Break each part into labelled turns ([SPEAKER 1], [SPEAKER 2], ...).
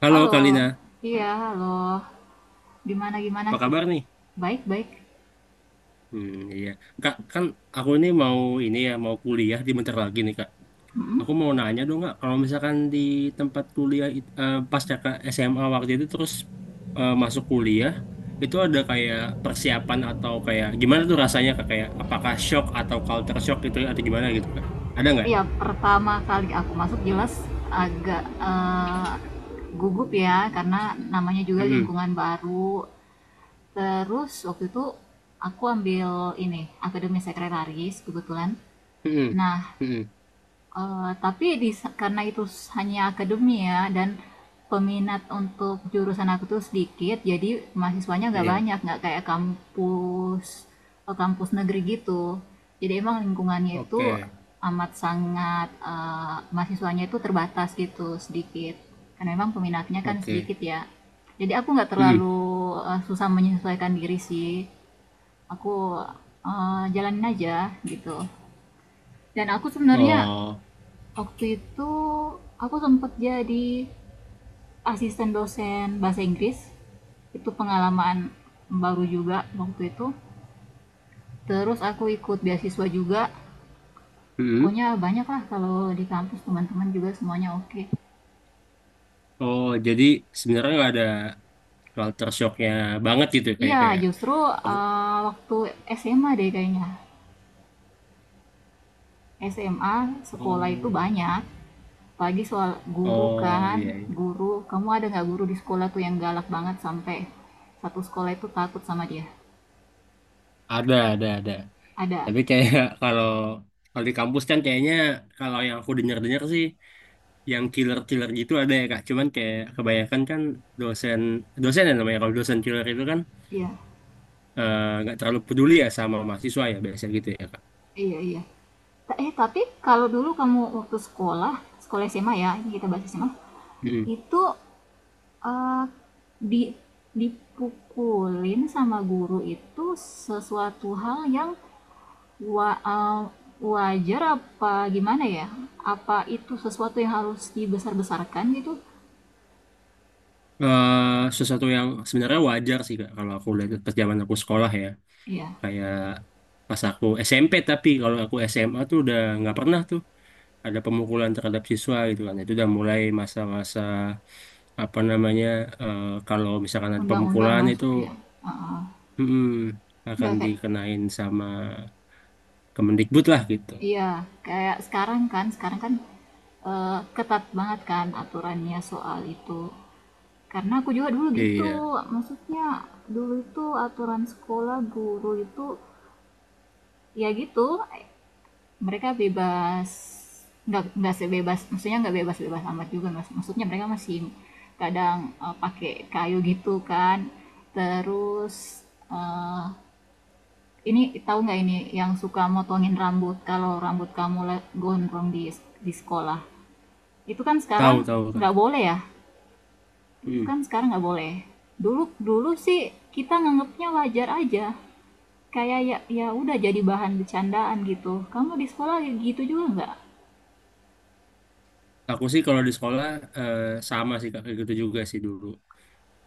[SPEAKER 1] Halo
[SPEAKER 2] Halo.
[SPEAKER 1] Kalina,
[SPEAKER 2] Iya, halo. Gimana gimana?
[SPEAKER 1] apa
[SPEAKER 2] Kit?
[SPEAKER 1] kabar nih?
[SPEAKER 2] Baik, baik.
[SPEAKER 1] Hmm, iya. Kak, kan aku ini mau ini ya, mau kuliah di bentar lagi nih Kak. Aku mau nanya dong Kak, kalau misalkan di tempat kuliah pasca Kak SMA waktu itu terus masuk kuliah, itu ada kayak persiapan atau kayak gimana tuh rasanya Kak? Kayak apakah shock atau culture shock gitu atau gimana gitu Kak? Ada nggak?
[SPEAKER 2] Iya, pertama kali aku masuk jelas agak gugup ya, karena namanya juga
[SPEAKER 1] Mm-mm.
[SPEAKER 2] lingkungan baru. Terus waktu itu aku ambil ini, akademi sekretaris kebetulan.
[SPEAKER 1] Mm-mm.
[SPEAKER 2] Nah,
[SPEAKER 1] Mm-mm.
[SPEAKER 2] Eee, tapi karena itu hanya akademi ya, dan peminat untuk jurusan aku tuh sedikit, jadi mahasiswanya nggak
[SPEAKER 1] Iya.
[SPEAKER 2] banyak, nggak kayak kampus negeri gitu. Jadi emang lingkungannya itu
[SPEAKER 1] Oke.
[SPEAKER 2] amat sangat, mahasiswanya itu terbatas gitu, sedikit. Karena memang peminatnya kan
[SPEAKER 1] Oke.
[SPEAKER 2] sedikit ya. Jadi aku nggak
[SPEAKER 1] Mm-mm.
[SPEAKER 2] terlalu, susah menyesuaikan diri sih. Aku, jalanin aja gitu. Dan aku sebenarnya,
[SPEAKER 1] Oh.
[SPEAKER 2] waktu itu aku sempat jadi asisten dosen bahasa Inggris. Itu pengalaman baru juga waktu itu. Terus aku ikut beasiswa juga.
[SPEAKER 1] Mm-mm.
[SPEAKER 2] Pokoknya banyak lah, kalau di kampus teman-teman juga semuanya oke. Okay.
[SPEAKER 1] Oh, jadi sebenarnya nggak ada culture shocknya banget gitu
[SPEAKER 2] Iya,
[SPEAKER 1] kayak kayak
[SPEAKER 2] justru
[SPEAKER 1] aku
[SPEAKER 2] waktu SMA deh kayaknya. SMA sekolah itu
[SPEAKER 1] oh
[SPEAKER 2] banyak. Pagi soal guru
[SPEAKER 1] oh
[SPEAKER 2] kan,
[SPEAKER 1] iya, iya.
[SPEAKER 2] guru. Kamu ada nggak guru di sekolah tuh yang galak banget sampai satu sekolah itu takut sama dia?
[SPEAKER 1] Ada ada
[SPEAKER 2] Ada.
[SPEAKER 1] tapi kayak kalau kalau di kampus kan kayaknya kalau yang aku dengar dengar sih yang killer killer gitu ada ya kak cuman kayak kebanyakan kan dosen dosen ya namanya kalau dosen killer itu kan
[SPEAKER 2] Iya.
[SPEAKER 1] nggak terlalu peduli ya sama mahasiswa ya biasanya gitu ya kak.
[SPEAKER 2] Iya iya. Tapi kalau dulu kamu waktu sekolah, sekolah SMA ya, ini kita bahas SMA,
[SPEAKER 1] Mm.
[SPEAKER 2] itu eh, di dipukulin sama guru itu sesuatu hal yang wa- eh, wajar apa gimana ya? Apa itu sesuatu yang harus dibesar-besarkan gitu?
[SPEAKER 1] Sesuatu yang sebenarnya wajar sih kak kalau aku lihat pas zaman aku sekolah ya,
[SPEAKER 2] Iya,
[SPEAKER 1] kayak pas aku SMP. Tapi kalau aku SMA tuh udah nggak pernah tuh ada pemukulan terhadap siswa gitu kan. Itu udah mulai masa-masa apa namanya, eh, kalau misalkan ada
[SPEAKER 2] undang-undang
[SPEAKER 1] pemukulan itu
[SPEAKER 2] masuk ya. Heeh.
[SPEAKER 1] mm, akan
[SPEAKER 2] Nggak kayak,
[SPEAKER 1] dikenain sama Kemendikbud lah gitu.
[SPEAKER 2] iya, kayak sekarang kan, ketat banget kan aturannya soal itu. Karena aku juga dulu gitu,
[SPEAKER 1] Iya,
[SPEAKER 2] maksudnya dulu itu aturan sekolah guru itu ya gitu, mereka bebas, nggak sebebas, maksudnya nggak bebas bebas amat juga mas, maksudnya mereka masih kadang pakai kayu gitu kan. Terus ini tahu nggak, ini yang suka motongin rambut kalau rambut kamu gondrong di sekolah, itu kan sekarang
[SPEAKER 1] tahu tahu kan.
[SPEAKER 2] nggak boleh ya, kan sekarang nggak boleh. Dulu dulu sih kita nganggapnya wajar aja, kayak ya ya udah, jadi bahan bercandaan gitu, kamu di sekolah gitu juga nggak.
[SPEAKER 1] Aku sih kalau di sekolah eh, sama sih Kak, kayak gitu juga sih dulu.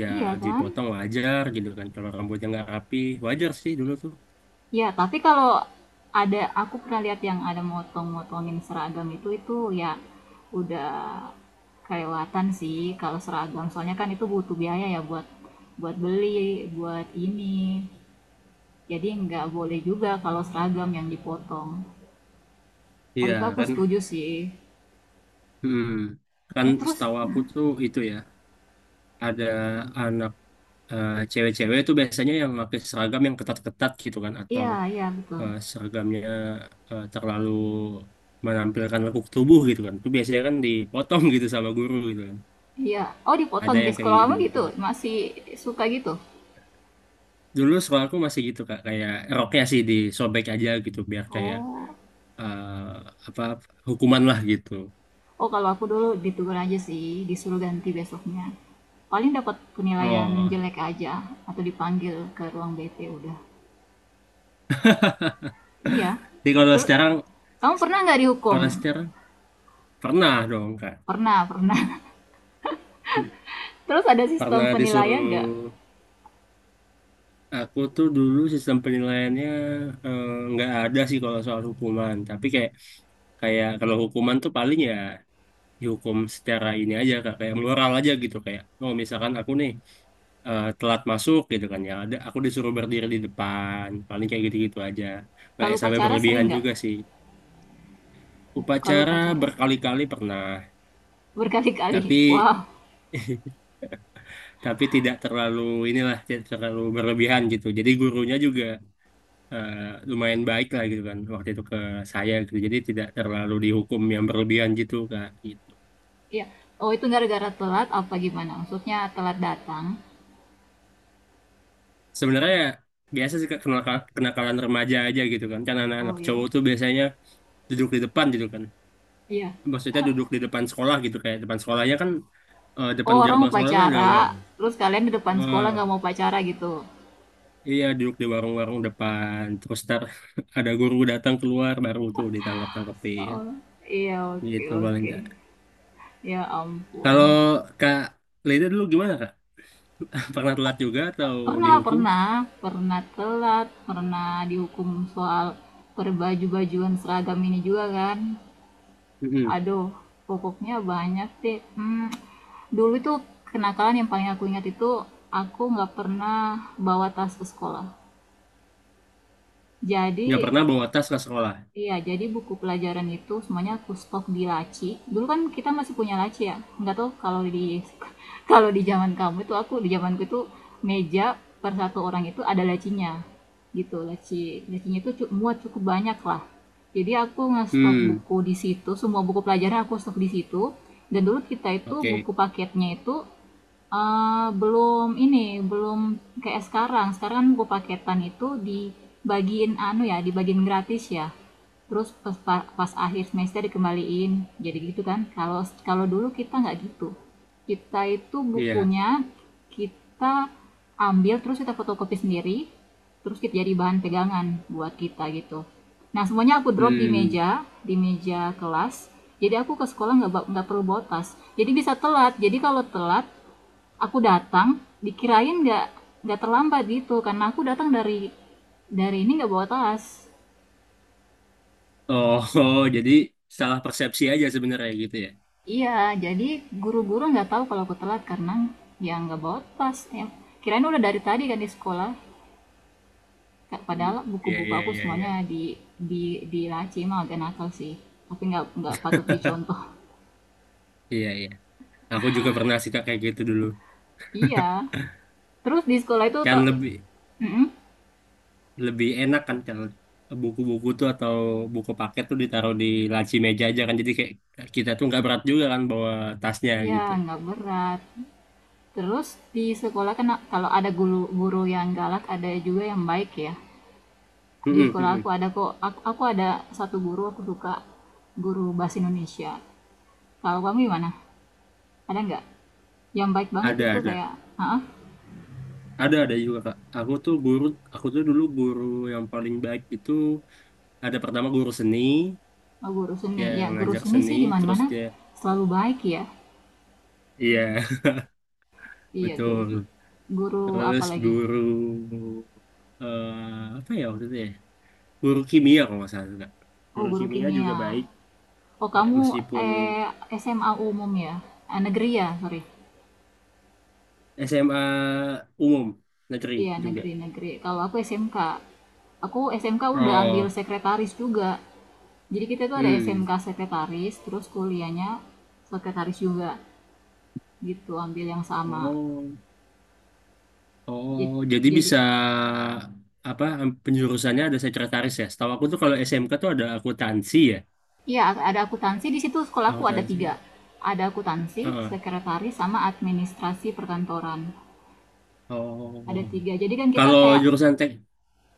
[SPEAKER 1] Ya,
[SPEAKER 2] Iya kan.
[SPEAKER 1] dipotong wajar gitu kan kalau rambutnya nggak rapi, wajar sih dulu tuh.
[SPEAKER 2] Ya tapi kalau ada, aku pernah lihat yang ada motong-motongin seragam, itu ya udah kelewatan sih kalau seragam, soalnya kan itu butuh biaya ya buat buat beli buat ini, jadi nggak boleh juga kalau seragam yang dipotong. Waktu
[SPEAKER 1] Iya
[SPEAKER 2] itu aku
[SPEAKER 1] kan.
[SPEAKER 2] setuju sih.
[SPEAKER 1] Hmm, kan
[SPEAKER 2] Eh, terus.
[SPEAKER 1] setahu aku tuh itu ya ada anak cewek-cewek tuh biasanya yang pakai seragam yang ketat-ketat gitu kan, atau
[SPEAKER 2] Iya iya, betul.
[SPEAKER 1] seragamnya terlalu menampilkan lekuk tubuh gitu kan. Itu biasanya kan dipotong gitu sama guru gitu kan.
[SPEAKER 2] Iya. Oh,
[SPEAKER 1] Ada
[SPEAKER 2] dipotong di
[SPEAKER 1] yang kayak
[SPEAKER 2] sekolah
[SPEAKER 1] gitu
[SPEAKER 2] kamu gitu?
[SPEAKER 1] juga.
[SPEAKER 2] Masih suka gitu?
[SPEAKER 1] Dulu sekolah aku masih gitu Kak, kayak roknya sih disobek aja gitu biar kayak
[SPEAKER 2] Oh.
[SPEAKER 1] eh, apa, hukuman lah gitu.
[SPEAKER 2] Oh, kalau aku dulu ditegur aja sih, disuruh ganti besoknya. Paling dapat penilaian
[SPEAKER 1] Oh,
[SPEAKER 2] jelek aja, atau dipanggil ke ruang BP udah. Iya.
[SPEAKER 1] jadi kalau
[SPEAKER 2] Terus
[SPEAKER 1] sekarang,
[SPEAKER 2] kamu pernah nggak dihukum?
[SPEAKER 1] kalau sekarang pernah dong Kak.
[SPEAKER 2] Pernah, pernah.
[SPEAKER 1] Hmm.
[SPEAKER 2] Terus ada
[SPEAKER 1] Karena
[SPEAKER 2] sistem penilaian
[SPEAKER 1] disuruh,
[SPEAKER 2] nggak?
[SPEAKER 1] aku tuh dulu sistem penilaiannya eh, nggak ada sih kalau soal hukuman. Tapi kayak kayak kalau hukuman tuh paling ya dihukum secara ini aja kak kayak moral aja gitu, kayak oh misalkan aku nih telat masuk gitu kan, ya ada aku disuruh berdiri di depan paling kayak gitu-gitu aja, nggak ya
[SPEAKER 2] Kalau
[SPEAKER 1] sampai
[SPEAKER 2] pacara sering
[SPEAKER 1] berlebihan
[SPEAKER 2] nggak?
[SPEAKER 1] juga sih.
[SPEAKER 2] Kalau
[SPEAKER 1] Upacara
[SPEAKER 2] pacara
[SPEAKER 1] berkali-kali pernah, tapi
[SPEAKER 2] berkali-kali. Wow.
[SPEAKER 1] tapi tidak terlalu inilah, tidak terlalu berlebihan gitu, jadi gurunya juga eh, lumayan baik lah gitu kan waktu itu ke saya gitu, jadi tidak terlalu dihukum yang berlebihan gitu kak gitu.
[SPEAKER 2] Iya. Oh, itu gara-gara telat apa gimana? Maksudnya telat datang.
[SPEAKER 1] Sebenarnya biasa sih Kak, kenakalan remaja aja gitu kan, kan anak-anak
[SPEAKER 2] Oh iya.
[SPEAKER 1] cowok tuh biasanya duduk di depan gitu kan,
[SPEAKER 2] Iya.
[SPEAKER 1] maksudnya duduk di depan sekolah gitu kayak depan sekolahnya kan
[SPEAKER 2] Oh,
[SPEAKER 1] depan
[SPEAKER 2] orang mau
[SPEAKER 1] gerbang sekolah kan ada
[SPEAKER 2] upacara,
[SPEAKER 1] war,
[SPEAKER 2] terus kalian di depan sekolah
[SPEAKER 1] eh,
[SPEAKER 2] nggak mau pacara gitu?
[SPEAKER 1] iya duduk di warung-warung depan terus ntar ada guru datang keluar baru tuh ditangkap-tangkepin
[SPEAKER 2] Oh, iya, oke
[SPEAKER 1] gitu paling
[SPEAKER 2] oke.
[SPEAKER 1] Kak.
[SPEAKER 2] Ya ampun.
[SPEAKER 1] Kalau kak Leda dulu gimana kak, pernah telat juga atau
[SPEAKER 2] Pernah
[SPEAKER 1] dihukum?
[SPEAKER 2] pernah, pernah telat, pernah dihukum soal berbaju-bajuan seragam ini juga kan?
[SPEAKER 1] Mm-mm.
[SPEAKER 2] Aduh, pokoknya banyak deh. Hmm, dulu itu kenakalan yang paling aku ingat itu, aku nggak pernah bawa tas ke sekolah.
[SPEAKER 1] Nggak
[SPEAKER 2] Jadi,
[SPEAKER 1] pernah bawa tas ke sekolah.
[SPEAKER 2] iya, jadi buku pelajaran itu semuanya aku stok di laci. Dulu kan kita masih punya laci ya. Enggak tahu kalau di kalau di zaman kamu, itu aku di zamanku itu meja per satu orang itu ada lacinya. Gitu, laci. Lacinya itu muat cukup banyak lah. Jadi aku ngestok
[SPEAKER 1] Hmm,
[SPEAKER 2] buku di situ, semua buku pelajaran aku stok di situ. Dan dulu kita itu buku
[SPEAKER 1] oke.
[SPEAKER 2] paketnya itu belum ini, belum kayak sekarang. Sekarang kan buku paketan itu dibagiin anu ya, dibagiin gratis ya, terus pas akhir semester dikembaliin, jadi gitu kan. Kalau kalau dulu kita nggak gitu, kita itu
[SPEAKER 1] Iya.
[SPEAKER 2] bukunya kita ambil, terus kita fotokopi sendiri, terus kita jadi bahan pegangan buat kita gitu. Nah semuanya aku drop di
[SPEAKER 1] Hmm,
[SPEAKER 2] meja, di meja kelas. Jadi aku ke sekolah nggak perlu bawa tas, jadi bisa telat. Jadi kalau telat aku datang dikirain nggak terlambat gitu, karena aku datang dari ini nggak bawa tas.
[SPEAKER 1] oh, oh, jadi salah persepsi aja sebenarnya gitu ya.
[SPEAKER 2] Iya, jadi guru-guru nggak tahu kalau aku telat, karena ya nggak bawa tas. Ya, kirain udah dari tadi kan di sekolah.
[SPEAKER 1] Hmm.
[SPEAKER 2] Padahal
[SPEAKER 1] Iya,
[SPEAKER 2] buku-buku
[SPEAKER 1] iya,
[SPEAKER 2] aku
[SPEAKER 1] iya, iya,
[SPEAKER 2] semuanya di di di laci. Emang agak nakal sih. Tapi nggak patut dicontoh.
[SPEAKER 1] iya, iya. Aku juga pernah sih Kak, kayak gitu dulu.
[SPEAKER 2] Iya. Terus di sekolah itu to.
[SPEAKER 1] Kan lebih
[SPEAKER 2] Mm-mm.
[SPEAKER 1] lebih enak kan kalau buku-buku tuh atau buku paket tuh ditaruh di laci meja aja kan. Jadi kayak kita tuh nggak berat juga kan bawa tasnya
[SPEAKER 2] Iya,
[SPEAKER 1] gitu.
[SPEAKER 2] nggak berat. Terus di sekolah kan, kalau ada guru, guru yang galak ada juga yang baik ya. Di
[SPEAKER 1] Mm-mm,
[SPEAKER 2] sekolah aku
[SPEAKER 1] mm-mm.
[SPEAKER 2] ada kok. Aku ada satu guru aku suka, guru bahasa Indonesia. Kalau kamu gimana? Ada nggak yang baik banget
[SPEAKER 1] Ada,
[SPEAKER 2] itu
[SPEAKER 1] ada.
[SPEAKER 2] kayak,
[SPEAKER 1] Ada juga, Kak. Aku tuh guru, aku tuh dulu guru yang paling baik itu ada pertama guru seni,
[SPEAKER 2] oh, guru seni
[SPEAKER 1] yang
[SPEAKER 2] ya, guru
[SPEAKER 1] ngajar
[SPEAKER 2] seni
[SPEAKER 1] seni,
[SPEAKER 2] sih di mana
[SPEAKER 1] terus
[SPEAKER 2] mana
[SPEAKER 1] dia,
[SPEAKER 2] selalu baik ya.
[SPEAKER 1] iya,
[SPEAKER 2] Iya guru,
[SPEAKER 1] betul.
[SPEAKER 2] guru apa
[SPEAKER 1] Terus
[SPEAKER 2] lagi,
[SPEAKER 1] guru apa ya waktu itu ya? Guru kimia kalau nggak salah juga.
[SPEAKER 2] oh
[SPEAKER 1] Guru
[SPEAKER 2] guru
[SPEAKER 1] kimia juga
[SPEAKER 2] kimia.
[SPEAKER 1] baik,
[SPEAKER 2] Oh
[SPEAKER 1] ya
[SPEAKER 2] kamu
[SPEAKER 1] meskipun
[SPEAKER 2] SMA umum ya, negeri ya, sorry.
[SPEAKER 1] SMA umum negeri
[SPEAKER 2] Iya
[SPEAKER 1] juga.
[SPEAKER 2] negeri negeri, kalau aku SMK. Aku SMK udah ambil
[SPEAKER 1] Oh,
[SPEAKER 2] sekretaris juga, jadi kita tuh ada
[SPEAKER 1] hmm.
[SPEAKER 2] SMK sekretaris, terus kuliahnya sekretaris juga gitu, ambil yang sama.
[SPEAKER 1] Oh. Oh, jadi
[SPEAKER 2] Jadi,
[SPEAKER 1] bisa apa penjurusannya ada sekretaris ya? Setahu aku tuh kalau SMK tuh ada akuntansi ya,
[SPEAKER 2] iya, ada akuntansi di situ, sekolahku ada tiga.
[SPEAKER 1] akuntansi.
[SPEAKER 2] Ada akuntansi,
[SPEAKER 1] Heeh.
[SPEAKER 2] sekretaris, sama administrasi perkantoran. Ada
[SPEAKER 1] Oh,
[SPEAKER 2] tiga. Jadi kan kita
[SPEAKER 1] kalau
[SPEAKER 2] kayak
[SPEAKER 1] jurusan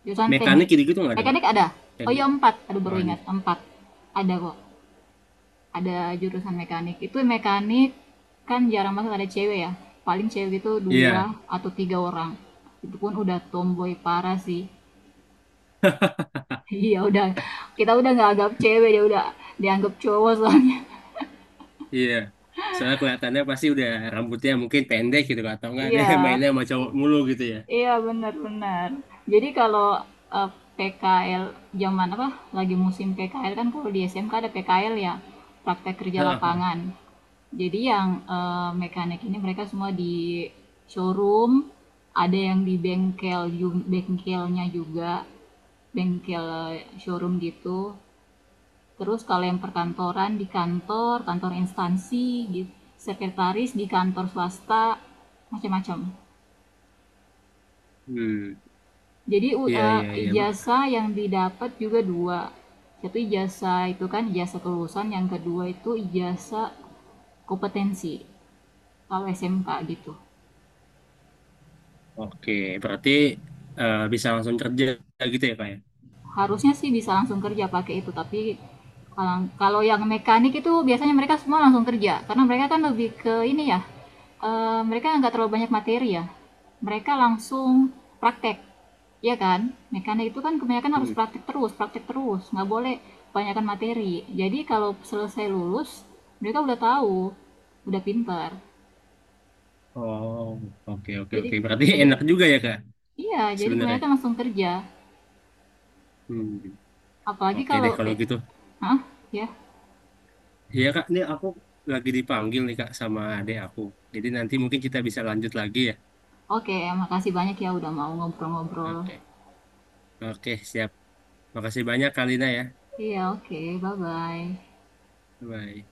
[SPEAKER 2] jurusan
[SPEAKER 1] mekanik
[SPEAKER 2] teknik.
[SPEAKER 1] gitu-gitu nggak ada Kak?
[SPEAKER 2] Mekanik ada? Oh iya,
[SPEAKER 1] Teknik?
[SPEAKER 2] empat. Aduh
[SPEAKER 1] Oh,
[SPEAKER 2] baru
[SPEAKER 1] ada
[SPEAKER 2] ingat
[SPEAKER 1] juga.
[SPEAKER 2] empat. Ada kok. Ada jurusan mekanik. Itu mekanik kan jarang banget ada cewek ya. Paling cewek itu dua
[SPEAKER 1] Iya,
[SPEAKER 2] atau tiga orang. Itu pun udah tomboy parah sih. Iya udah, kita udah nggak anggap cewek, dia udah dianggap cowok soalnya.
[SPEAKER 1] iya. Soalnya kelihatannya pasti udah rambutnya mungkin pendek gitu Kak, atau nggak ada
[SPEAKER 2] Iya.
[SPEAKER 1] mainnya sama cowok mulu gitu ya.
[SPEAKER 2] Iya, benar benar. Jadi kalau, eee, PKL zaman apa, lagi musim PKL kan, kalau di SMK ada PKL ya, praktek kerja
[SPEAKER 1] Heeh.
[SPEAKER 2] lapangan. Jadi yang, mekanik ini mereka semua di showroom, ada yang di bengkel bengkelnya juga, bengkel showroom gitu. Terus kalau yang perkantoran di kantor, kantor instansi, git sekretaris di kantor swasta, macam-macam.
[SPEAKER 1] Hmm,
[SPEAKER 2] Jadi,
[SPEAKER 1] iya iya iya. Pak.
[SPEAKER 2] ijazah yang didapat juga dua. Satu ijazah itu kan ijazah kelulusan, yang kedua itu ijazah kompetensi, kalau SMK gitu.
[SPEAKER 1] Oke, berarti bisa langsung kerja gitu ya Kak ya?
[SPEAKER 2] Harusnya sih bisa langsung kerja pakai itu, tapi kalau kalau yang mekanik itu biasanya mereka semua langsung kerja, karena mereka kan lebih ke ini ya, mereka nggak terlalu banyak materi ya, mereka langsung praktek, ya kan. Mekanik itu kan kebanyakan harus
[SPEAKER 1] Hmm.
[SPEAKER 2] praktek terus praktek, terus nggak boleh kebanyakan materi, jadi kalau selesai lulus mereka udah tahu, udah pintar.
[SPEAKER 1] Oh, oke oke oke.
[SPEAKER 2] jadi
[SPEAKER 1] Berarti
[SPEAKER 2] jadi
[SPEAKER 1] enak juga ya Kak
[SPEAKER 2] iya jadi
[SPEAKER 1] sebenarnya.
[SPEAKER 2] kebanyakan langsung kerja,
[SPEAKER 1] Hmm.
[SPEAKER 2] apalagi
[SPEAKER 1] Oke deh
[SPEAKER 2] kalau
[SPEAKER 1] kalau
[SPEAKER 2] kayak.
[SPEAKER 1] gitu.
[SPEAKER 2] Hah? Ya.
[SPEAKER 1] Iya Kak, ini aku lagi dipanggil nih Kak sama adek aku. Jadi nanti mungkin kita bisa lanjut lagi ya.
[SPEAKER 2] Oke, makasih banyak ya udah mau ngobrol-ngobrol.
[SPEAKER 1] Oke. Oke, siap. Makasih banyak Kalina ya.
[SPEAKER 2] Iya, oke, bye-bye.
[SPEAKER 1] Bye.